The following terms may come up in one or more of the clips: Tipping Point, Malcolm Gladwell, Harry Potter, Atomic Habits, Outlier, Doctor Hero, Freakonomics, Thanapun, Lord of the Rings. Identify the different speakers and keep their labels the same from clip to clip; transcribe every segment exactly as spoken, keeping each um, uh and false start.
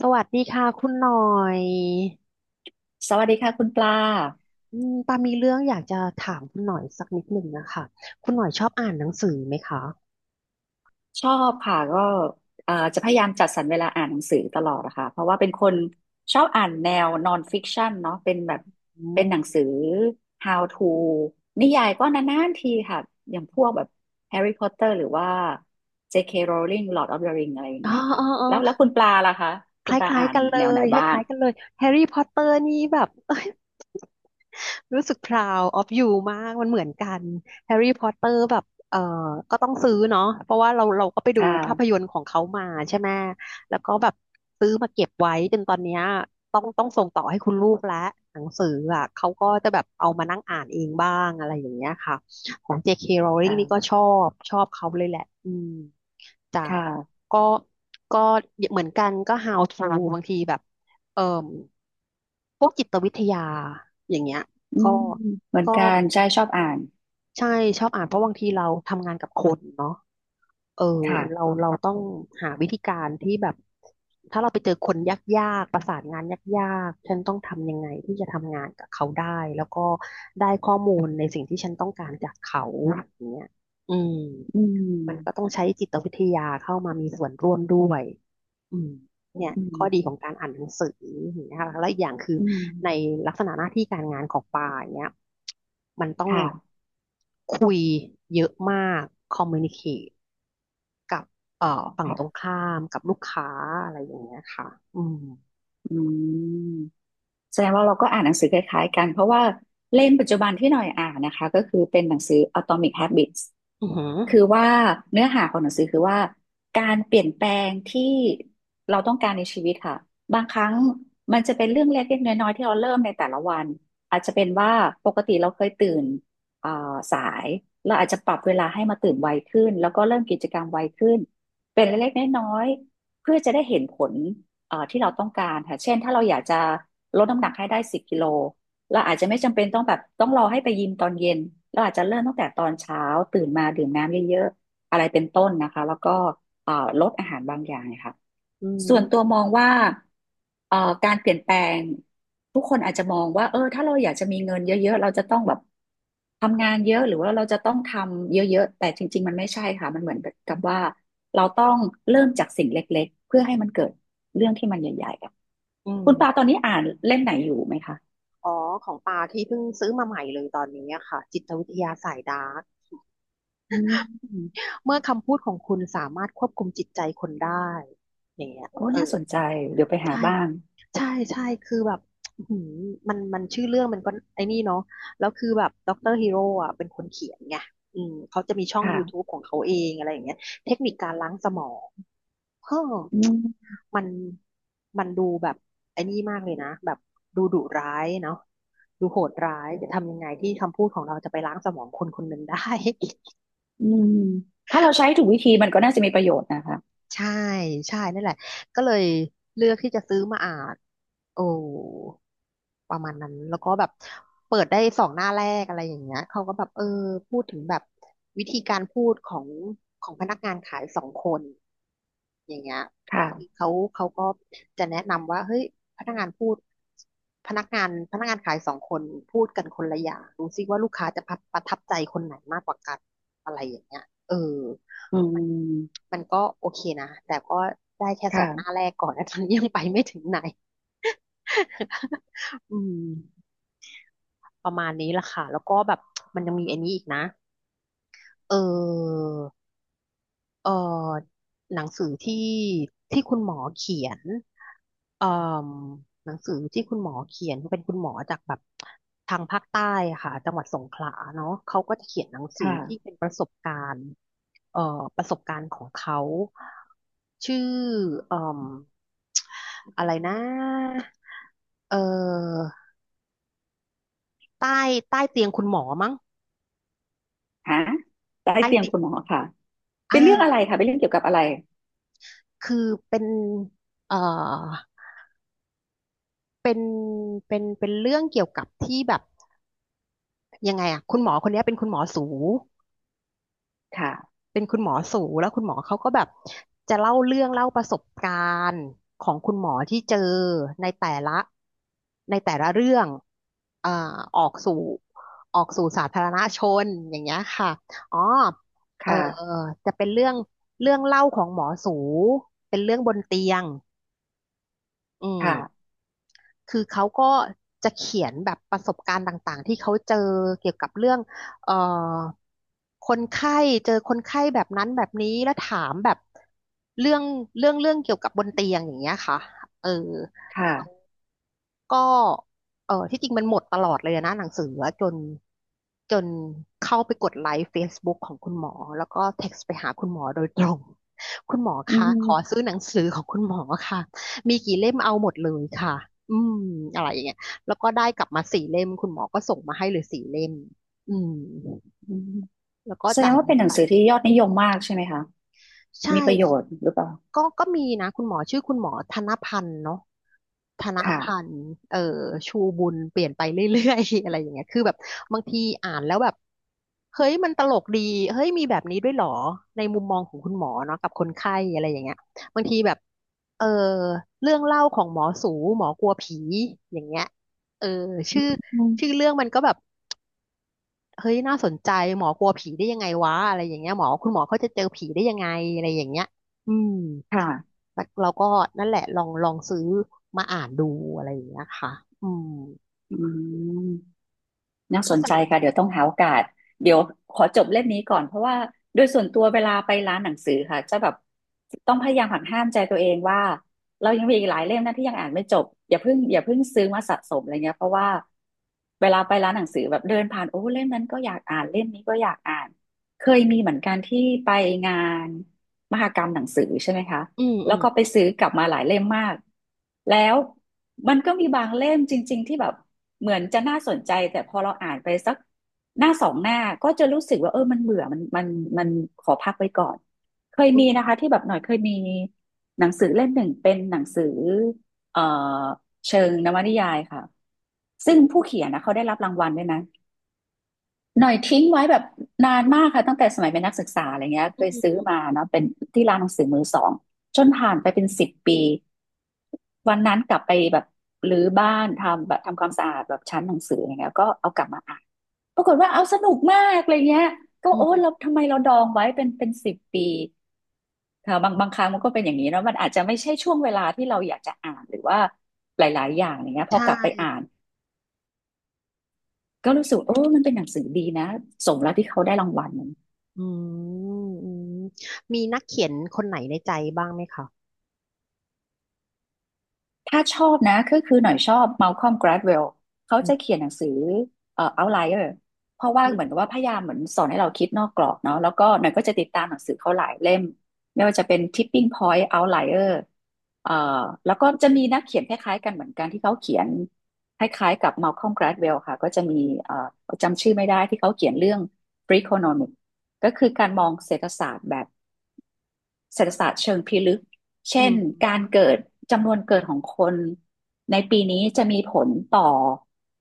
Speaker 1: สวัสดีค่ะคุณหน่อย
Speaker 2: สวัสดีค่ะคุณปลา
Speaker 1: อืมปามีเรื่องอยากจะถามคุณหน่อยสักนิดหนึ่งนะคะคุณหน่อยชอบอ่านหนังสือไหมคะ
Speaker 2: ชอบค่ะก็เอ่อจะพยายามจัดสรรเวลาอ่านหนังสือตลอดนะคะเพราะว่าเป็นคนชอบอ่านแนวนอนฟิกชั o นเนาะเป็นแบบ
Speaker 1: อื
Speaker 2: เป็นหนัง
Speaker 1: ม
Speaker 2: สือ How to นิยายก็นานๆทีค่ะอย่างพวกแบบ Harry Potter หรือว่า เจ เค. Rowling Lord of the Ring อะไรอย่าง
Speaker 1: อ๋อ
Speaker 2: เงี้ยค่ะ
Speaker 1: อ๋อ
Speaker 2: แล้วแล้วคุณปลาล่ะคะ
Speaker 1: ค
Speaker 2: คุ
Speaker 1: ล
Speaker 2: ณปลา
Speaker 1: ้าย
Speaker 2: อ่า
Speaker 1: ๆ
Speaker 2: น
Speaker 1: กันเล
Speaker 2: แนวไหน
Speaker 1: ยค
Speaker 2: บ้าง
Speaker 1: ล้ายๆกันเลยแฮร์รี่พอตเตอร์นี่แบบ เอ้ยรู้สึก proud of you มากมันเหมือนกันแฮร์รี่พอตเตอร์แบบเออก็ต้องซื้อเนาะเพราะว่าเราเราก็ไป
Speaker 2: ค
Speaker 1: ดูภาพย
Speaker 2: ่ะ
Speaker 1: นตร์ของเขามาใช่ไหมแล้วก็แบบซื้อมาเก็บไว้จนตอนเนี้ยต้องต้องส่งต่อให้คุณลูกแล้วหนังสืออ่ะเขาก็จะแบบเอามานั่งอ่านเองบ้างอะไรอย่างเงี้ยค่ะของ เจ โดท เค โดท. Rowling
Speaker 2: ค่ะ
Speaker 1: นี่ก็ชอบชอบเขาเลยแหละอืม จ้ะ
Speaker 2: ค่ะ
Speaker 1: ก็ก็เหมือนกันก็ how to บางทีแบบเอ่อพวกจิตวิทยาอย่างเงี้ย
Speaker 2: อื
Speaker 1: ก็
Speaker 2: มเหมือน
Speaker 1: ก็
Speaker 2: กันใช่ชอบอ่าน
Speaker 1: ใช่ชอบอ่านเพราะบางทีเราทำงานกับคนเนาะเออเรา
Speaker 2: ค่ะ
Speaker 1: เราต้องหาวิธีการที่แบบถ้าเราไปเจอคนยากๆประสานงานยากๆฉันต้องทำยังไงที่จะทำงานกับเขาได้แล้วก็ได้ข้อมูลในสิ่งที่ฉันต้องการจากเขาอย่างเงี้ยอืม
Speaker 2: อื
Speaker 1: มันก็ต้
Speaker 2: ม
Speaker 1: องใช้จิตวิทยาเข้ามามีส่วนร่วมด้วยอืมเนี่ย
Speaker 2: อื
Speaker 1: ข้อดีข
Speaker 2: ม
Speaker 1: องการอ่านหนังสืออย่างเงี้ยค่ะแล้วอีกอย่างคือ
Speaker 2: อืม
Speaker 1: ในลักษณะหน้าที่การงานของปาอย่างเนี้ยมันต้อง
Speaker 2: ค่ะ
Speaker 1: คุยเยอะมากคอมมูนิเคตกับเอ่อ
Speaker 2: ค
Speaker 1: ฝั่ง
Speaker 2: รั
Speaker 1: ตรง
Speaker 2: บ
Speaker 1: ข้ามกับลูกค้าอะไรอย่างเงี้ยค่ะอืม
Speaker 2: อืมแสดงว่าเราก็อ่านหนังสือคล้ายๆกันเพราะว่าเล่มปัจจุบันที่หน่อยอ่านนะคะก็คือเป็นหนังสือ Atomic Habits
Speaker 1: อือหือ
Speaker 2: คือว่าเนื้อหาของหนังสือคือว่าการเปลี่ยนแปลงที่เราต้องการในชีวิตค่ะบางครั้งมันจะเป็นเรื่องเล็กๆน้อยๆที่เราเริ่มในแต่ละวันอาจจะเป็นว่าปกติเราเคยตื่นอ่าสายเราอาจจะปรับเวลาให้มาตื่นไวขึ้นแล้วก็เริ่มกิจกรรมไวขึ้นเป็นเล็กๆน้อยๆเพื่อจะได้เห็นผลเอ่อที่เราต้องการค่ะเช่นถ้าเราอยากจะลดน้ำหนักให้ได้สิบกิโล เราอาจจะไม่จำเป็นต้องแบบต้องรอให้ไปยิมตอนเย็นเราอาจจะเริ่มตั้งแต่ตอนเช้าตื่นมาดื่มน้ำเยอะๆอะไรเป็นต้นนะคะแล้วก็เอ่อลดอาหารบางอย่างนีค่ะ
Speaker 1: อื
Speaker 2: ส่วนตัว
Speaker 1: ม
Speaker 2: มองว่าเอ่อการเปลี่ยนแปลงทุกคนอาจจะมองว่าเออถ้าเราอยากจะมีเงินเยอะๆเราจะต้องแบบทำงานเยอะหรือว่าเราจะต้องทำเยอะๆแต่จริงๆมันไม่ใช่ค่ะมันเหมือนกับว่าเราต้องเริ่มจากสิ่งเล
Speaker 1: อืม
Speaker 2: ็
Speaker 1: อ๋อของปาที่เพิ่งซื้อมาใหม่เลยตอนนี้อะค่ะ จิตวิทยาสายดาร์ก
Speaker 2: อืม
Speaker 1: เมื่อคำพูดของคุณสามารถควบคุมจิตใจคนได้อย่างเงี้ย
Speaker 2: โอ้
Speaker 1: เอ
Speaker 2: น่า
Speaker 1: อ
Speaker 2: สนใจเดี๋ยวไปหา
Speaker 1: ใช่
Speaker 2: บ้าง
Speaker 1: ใช่ ใช่ คือแบบอื้อหือมันมันชื่อเรื่องมันก็ไอ้นี่เนาะแล้วคือแบบด็อกเตอร์ฮีโร่อ่ะเป็นคนเขียนไงอืมเขาจะมีช่อง
Speaker 2: ค่ะ
Speaker 1: YouTube ของเขาเองอะไรอย่างเงี้ยเทคนิคการล้างสมองเฮ้อ
Speaker 2: อืม
Speaker 1: มันมันดูแบบไอ้นี่มากเลยนะ แบบดูดุร้ายเนาะดูโหดร้าย จะทำยังไงที่คำพูดของเราจะไปล้างสมองคนคนหนึ่งได้
Speaker 2: อืมถ้าเราใช้ถูกวิธีมันก็น่าจะมีประโยชน์นะคะ
Speaker 1: ใช่ใช่นั่นแหละก็เลยเลือกที่จะซื้อมาอ่านโอ้ประมาณนั้นแล้วก็แบบเปิดได้สองหน้าแรกอะไรอย่างเงี้ยเขาก็แบบเออพูดถึงแบบวิธีการพูดของของพนักงานขายสองคนอย่างเงี้ยคือ
Speaker 2: ค่ะ
Speaker 1: เขาเขาก็จะแนะนำว่าเฮ้ยพนักงานพูดพนักงานพนักงานขายสองคนพูดกันคนละอย่างดูซิว่าลูกค้าจะประประทับใจคนไหนมากกว่ากันอะไรอย่างเงี้ยเออ
Speaker 2: อืม
Speaker 1: มันก็โอเคนะแต่ก็ได้แค่สองหน้า
Speaker 2: ค่ะ
Speaker 1: แรกก่อนนะ ตอนนี้ยังไปไม่ถึงไหน อืมประมาณนี้ละค่ะแล้วก็แบบมันยังมีอันนี้อีกนะเออ เอ่อหนังสือที่ที่คุณหมอเขียนเอ่อหนังสือที่คุณหมอเขียนเป็นคุณหมอจากแบบทางภาคใต้อะค่ะจังหวัดสงขลาเนาะเขาก็จะเขียนหนังสือ
Speaker 2: ค่ะ
Speaker 1: ที่เป็นประสบการณ์เอ่อประสบการณ์ของเขาชื่อเอ่มอะไรนะเอ่อใต้ใต้เตียงคุณหมอมั้ง
Speaker 2: หาใต้
Speaker 1: ใต้
Speaker 2: เตียง
Speaker 1: ติด
Speaker 2: คุณหมอค่ะเป็
Speaker 1: อ่า
Speaker 2: นเรื่องอะไรค่ะเป็นเรื่องเกี่ยวกับอะไร
Speaker 1: คือเป็นเอ่อ เป็นเป็นเป็นเรื่องเกี่ยวกับที่แบบยังไงอะคุณหมอคนเนี้ยเป็นคุณหมอสู
Speaker 2: ค่ะ
Speaker 1: เป็นคุณหมอสูแล้วคุณหมอเขาก็แบบจะเล่าเรื่องเล่าประสบการณ์ของคุณหมอที่เจอในแต่ละในแต่ละเรื่องอ่าออกสู่ออกสู่สาธารณชนอย่างเงี้ยค่ะอ๋อเออ
Speaker 2: ค่ะ
Speaker 1: จะเป็นเรื่องเรื่องเล่าของหมอสูเป็นเรื่องบนเตียงอืม
Speaker 2: ค่ะ
Speaker 1: คือเขาก็จะเขียนแบบประสบการณ์ต่างๆที่เขาเจอเกี่ยวกับเรื่องเอ่อคนไข้เจอคนไข้แบบนั้นแบบนี้แล้วถามแบบเรื่องเรื่องเรื่องเกี่ยวกับบนเตียงอย่างเงี้ยค่ะเออ
Speaker 2: ค่ะ
Speaker 1: ก็เออที่จริงมันหมดตลอดเลยนะหนังสืออะจนจนเข้าไปกดไลค์ Facebook ของคุณหมอแล้วก็เท็กซ์ไปหาคุณหมอโดยตรง คุณหมอ
Speaker 2: อื
Speaker 1: คะขอ
Speaker 2: ม
Speaker 1: ซื้อหนังสือของคุณหมอค่ะมีกี่เล่มเอาหมดเลยค่ะอืมอะไรอย่างเงี้ยแล้วก็ได้กลับมาสี่เล่มคุณหมอก็ส่งมาให้เลยสี่เล่มอืม
Speaker 2: อืม
Speaker 1: แล้วก็
Speaker 2: แสด
Speaker 1: จ่า
Speaker 2: ง
Speaker 1: ย
Speaker 2: ว่า
Speaker 1: เงิ
Speaker 2: เป็
Speaker 1: น
Speaker 2: นหนัง
Speaker 1: ไป
Speaker 2: สือที่ยอดนิยมมากใช่ไหมคะ
Speaker 1: ใช่
Speaker 2: มีประโยชน์หรือเปล่า
Speaker 1: ก็ก็มีนะคุณหมอชื่อคุณหมอธนพันธ์เนาะธน
Speaker 2: ค่ะ
Speaker 1: พันธ์เอ่อชูบุญเปลี่ยนไปเรื่อยๆ อะไรอย่างเงี้ยคือแบบบางทีอ่านแล้วแบบเฮ้ยมันตลกดีเฮ้ยมีแบบนี้ด้วยเหรอในมุมมองของคุณหมอเนาะกับคนไข้อะไรอย่างเงี้ยบางทีแบบเออเรื่องเล่าของหมอสูหมอกลัวผีอย่างเงี้ยเออชื่อ
Speaker 2: อื
Speaker 1: ชื่อ
Speaker 2: ม
Speaker 1: เรื่องมันก็แบบ เฮ้ยน่าสนใจหมอกลัวผีได้ยังไงวะอะไรอย่างเงี้ยหมอคุณหมอเขาจะเจอผีได้ยังไงอะไรอย่างเงี้ยอืม
Speaker 2: ค่ะ
Speaker 1: แล้วเราก็นั่นแหละลองลองซื้อมาอ่านดูอะไรอย่างเงี้ยค่ะอืม
Speaker 2: อืม น่าส
Speaker 1: ก็
Speaker 2: น
Speaker 1: ส
Speaker 2: ใจ
Speaker 1: นุก
Speaker 2: ค่ะเดี๋ยวต้องหาโอกาสเดี๋ยวขอจบเล่มนี้ก่อนเพราะว่าโดยส่วนตัวเวลาไปร้านหนังสือค่ะจะแบบต้องพยายามหักห้ามใจตัวเองว่าเรายังมีอีกหลายเล่มนะที่ยังอ่านไม่จบอย่าเพิ่งอย่าเพิ่งซื้อมาสะสมอะไรเงี้ยเพราะว่าเวลาไปร้านหนังสือแบบเดินผ่านโอ้เล่มนั้นก็อยากอ่านเล่มนี้ก็อยากอ่านเคยมีเหมือนกันที่ไปงานมหกรรมหนังสือใช่ไหมคะ
Speaker 1: อืมอื
Speaker 2: แล้ว
Speaker 1: ม
Speaker 2: ก็ไปซื้อกลับมาหลายเล่มมาก แล้วมันก็มีบางเล่มจริงๆที่แบบเหมือนจะน่าสนใจแต่พอเราอ่านไปสักหน้าสองหน้าก็จะรู้สึกว่าเออมันเบื่อมันมันมันขอพักไว้ก่อนเคย
Speaker 1: อื
Speaker 2: มี
Speaker 1: ม
Speaker 2: นะคะที่แบบหน่อยเคยมีหนังสือเล่มหนึ่งเป็นหนังสือเอ่อเชิงนวนิยายค่ะซึ่งผู้เขียนนะเขาได้รับรางวัลด้วยนะ หน่อยทิ้งไว้แบบนานมากค่ะตั้งแต่สมัยเป็นนักศึกษาอะไรเงี้ยเค
Speaker 1: อื
Speaker 2: ยซื้อ
Speaker 1: ม
Speaker 2: มาเนาะเป็นที่ร้านหนังสือมือสองจนผ่านไปเป็นสิบปีวันนั้นกลับไปแบบรื้อบ้านทำแบบทำความสะอาดแบบชั้นหนังสืออะไรเงี้ยก็เอากลับมาอ่านปรากฏว่าเอาสนุกมากอะไรเงี้ยก็
Speaker 1: อื
Speaker 2: โอ้เรา
Speaker 1: ม
Speaker 2: ทำไมเราดองไว้เป็นเป็นสิบปีค่ะบางบางครั้งมันก็เป็นอย่างนี้เนาะมันอาจจะไม่ใช่ช่วงเวลาที่เราอยากจะอ่านหรือว่าหลายๆอย่างอย่างเงี้ย
Speaker 1: ใช
Speaker 2: พอกลับไป
Speaker 1: ่
Speaker 2: อ่านก็รู้สึกเออมันเป็นหนังสือดีนะสมแล้วที่เขาได้รางวัล
Speaker 1: อืมอืมมีนักเขียนคนไหนในใจบ้างไหมคะ
Speaker 2: ถ้าชอบนะก็คือหน่อยชอบมัลคอมก g า d w e ลเขา
Speaker 1: อื
Speaker 2: จะเขี
Speaker 1: ม
Speaker 2: ยนหนังสือเอ่อ Outlier เพราะว่า
Speaker 1: อื
Speaker 2: เห
Speaker 1: ม
Speaker 2: มือนกับว่าพยายามเหมือนสอนให้เราคิดนอกกรอบเนาะแล้วก็หน่อยก็จะติดตามหนังสือเขาหลายเล่มไม่ว่าจะเป็น Tipping Point Outlier เอ่อแล้วก็จะมีนักเขียนคล้ายๆกันเหมือนกันที่เขาเขียนคล้ายๆกับมัลคอมก g า d w e ลค่ะก็จะมีเอ่อจำชื่อไม่ได้ที่เขาเขียนเรื่อง Freakonomics ก็คือการมองเศรษฐศาสตร์แบบ เศรษฐศาสตร์เชิงพิลึกเช่
Speaker 1: อื
Speaker 2: นการ
Speaker 1: ม
Speaker 2: เกิดจำนวนเกิดของคนในปีนี้จะมีผลต่อ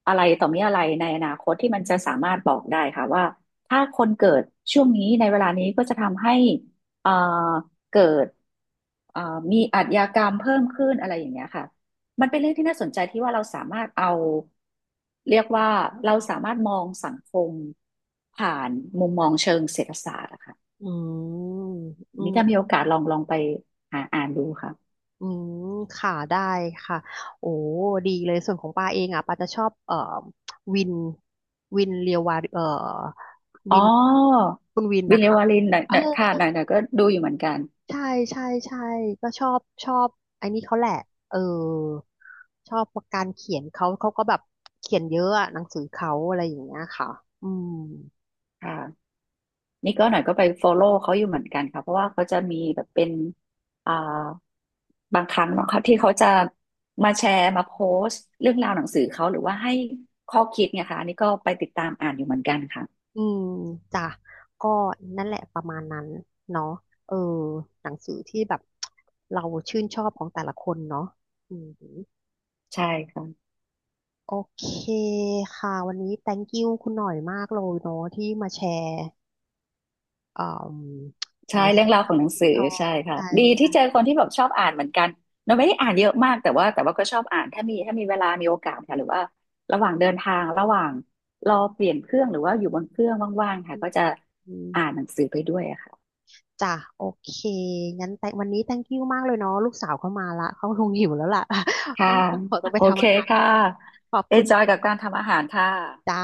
Speaker 2: อะไรต่อมีอะไรในอนาคตที่มันจะสามารถบอกได้ค่ะว่าถ้าคนเกิดช่วงนี้ในเวลานี้ก็จะทำให้เอ่อเกิดเอ่อมีอาชญากรรมเพิ่มขึ้นอะไรอย่างเงี้ยค่ะมันเป็นเรื่องที่น่าสนใจที่ว่าเราสามารถเอาเรียกว่าเราสามารถมองสังคมผ่านมุมมองเชิงเศรษฐศาสตร์นะคะ
Speaker 1: อื
Speaker 2: นี่
Speaker 1: ม
Speaker 2: ถ้ามีโอกาสลองลองไปหาอ่านดูค่ะ
Speaker 1: อืม ค่ะ ได้ค่ะ โอ้ ดีเลย ส่วนของปาเองอ่ะปาจะชอบ เอ่อวินวินเรียววาเอ่อ
Speaker 2: อ๋อ
Speaker 1: วิน คุณวิน
Speaker 2: บิล
Speaker 1: นะ
Speaker 2: เล
Speaker 1: คะ
Speaker 2: วารินหน่อย
Speaker 1: เอ
Speaker 2: ห
Speaker 1: อ
Speaker 2: น่อยค่ะ
Speaker 1: เอ
Speaker 2: หน่อ
Speaker 1: อ
Speaker 2: ยหน่อยก็ดูอยู่เหมือนกัน
Speaker 1: ใช่ใช่ใช่ก็ชอบชอบไอ้นี่เขาแหละ เออ ชอบการเขียนเขา เขาก็แบบเขียนเยอะอะหนังสือเขาอะไรอย่างเงี้ยค่ะอืม
Speaker 2: ค่ะนี่ก็หน่อยก็ไป follow เขาอยู่เหมือนกันค่ะ เพราะว่าเขาจะมีแบบเป็นอ่าบางครั้งเนาะค่ะที่เขาจะมาแชร์มาโพสต์เรื่องราวหนังสือเขาหรือว่าให้ข้อคิดเนี่ยค่ะอันนี่ก็ไปติดตามอ่านอยู่เหมือนกันค่ะ
Speaker 1: อืมจ้ะก็นั่นแหละประมาณนั้นเนาะเออหนังสือที่แบบเราชื่นชอบของแต่ละคนเนาะอืม
Speaker 2: ใช่ค่ะ
Speaker 1: โอเคค่ะวันนี้ thank you คุณหน่อยมากเลยเนาะที่มาแชร์เอ่มห
Speaker 2: ใช่
Speaker 1: นังสื
Speaker 2: เรื่อ
Speaker 1: อ
Speaker 2: งราวของ
Speaker 1: ที่
Speaker 2: หนัง
Speaker 1: ชื่น
Speaker 2: สือ
Speaker 1: ชอ
Speaker 2: ใช่
Speaker 1: บ
Speaker 2: ค่ะ
Speaker 1: ใช่
Speaker 2: ดีที่
Speaker 1: ใช่
Speaker 2: เจอคนที่แบบชอบอ่านเหมือนกันเราไม่ได้อ่านเยอะมากแต่ว่าแต่ว่าก็ชอบอ่านถ้ามีถ้ามีเวลามีโอกาสค่ะหรือว่าระหว่างเดินทางระหว่างรอเปลี่ยนเครื่องหรือว่าอยู่บนเครื่องว่างๆค่ะ
Speaker 1: อื
Speaker 2: ก็
Speaker 1: ม
Speaker 2: จะ
Speaker 1: อืม
Speaker 2: อ่านหนังสือไปด้วยอะค่ะ
Speaker 1: จ้ะโอเคงั้นแต่วันนี้ thank you มากเลยเนาะลูกสาวเข้ามาละเขาคงหิวแล้วล่ะ
Speaker 2: ค่ะ
Speaker 1: ต้องต้องขอตัวไป
Speaker 2: โอ
Speaker 1: ทำ
Speaker 2: เค
Speaker 1: อาหาร
Speaker 2: ค่ะ
Speaker 1: ขอบ
Speaker 2: e
Speaker 1: คุ
Speaker 2: น
Speaker 1: ณ
Speaker 2: จอยกับ
Speaker 1: ค่ะ
Speaker 2: การทำอาหารค่ะ
Speaker 1: จ้า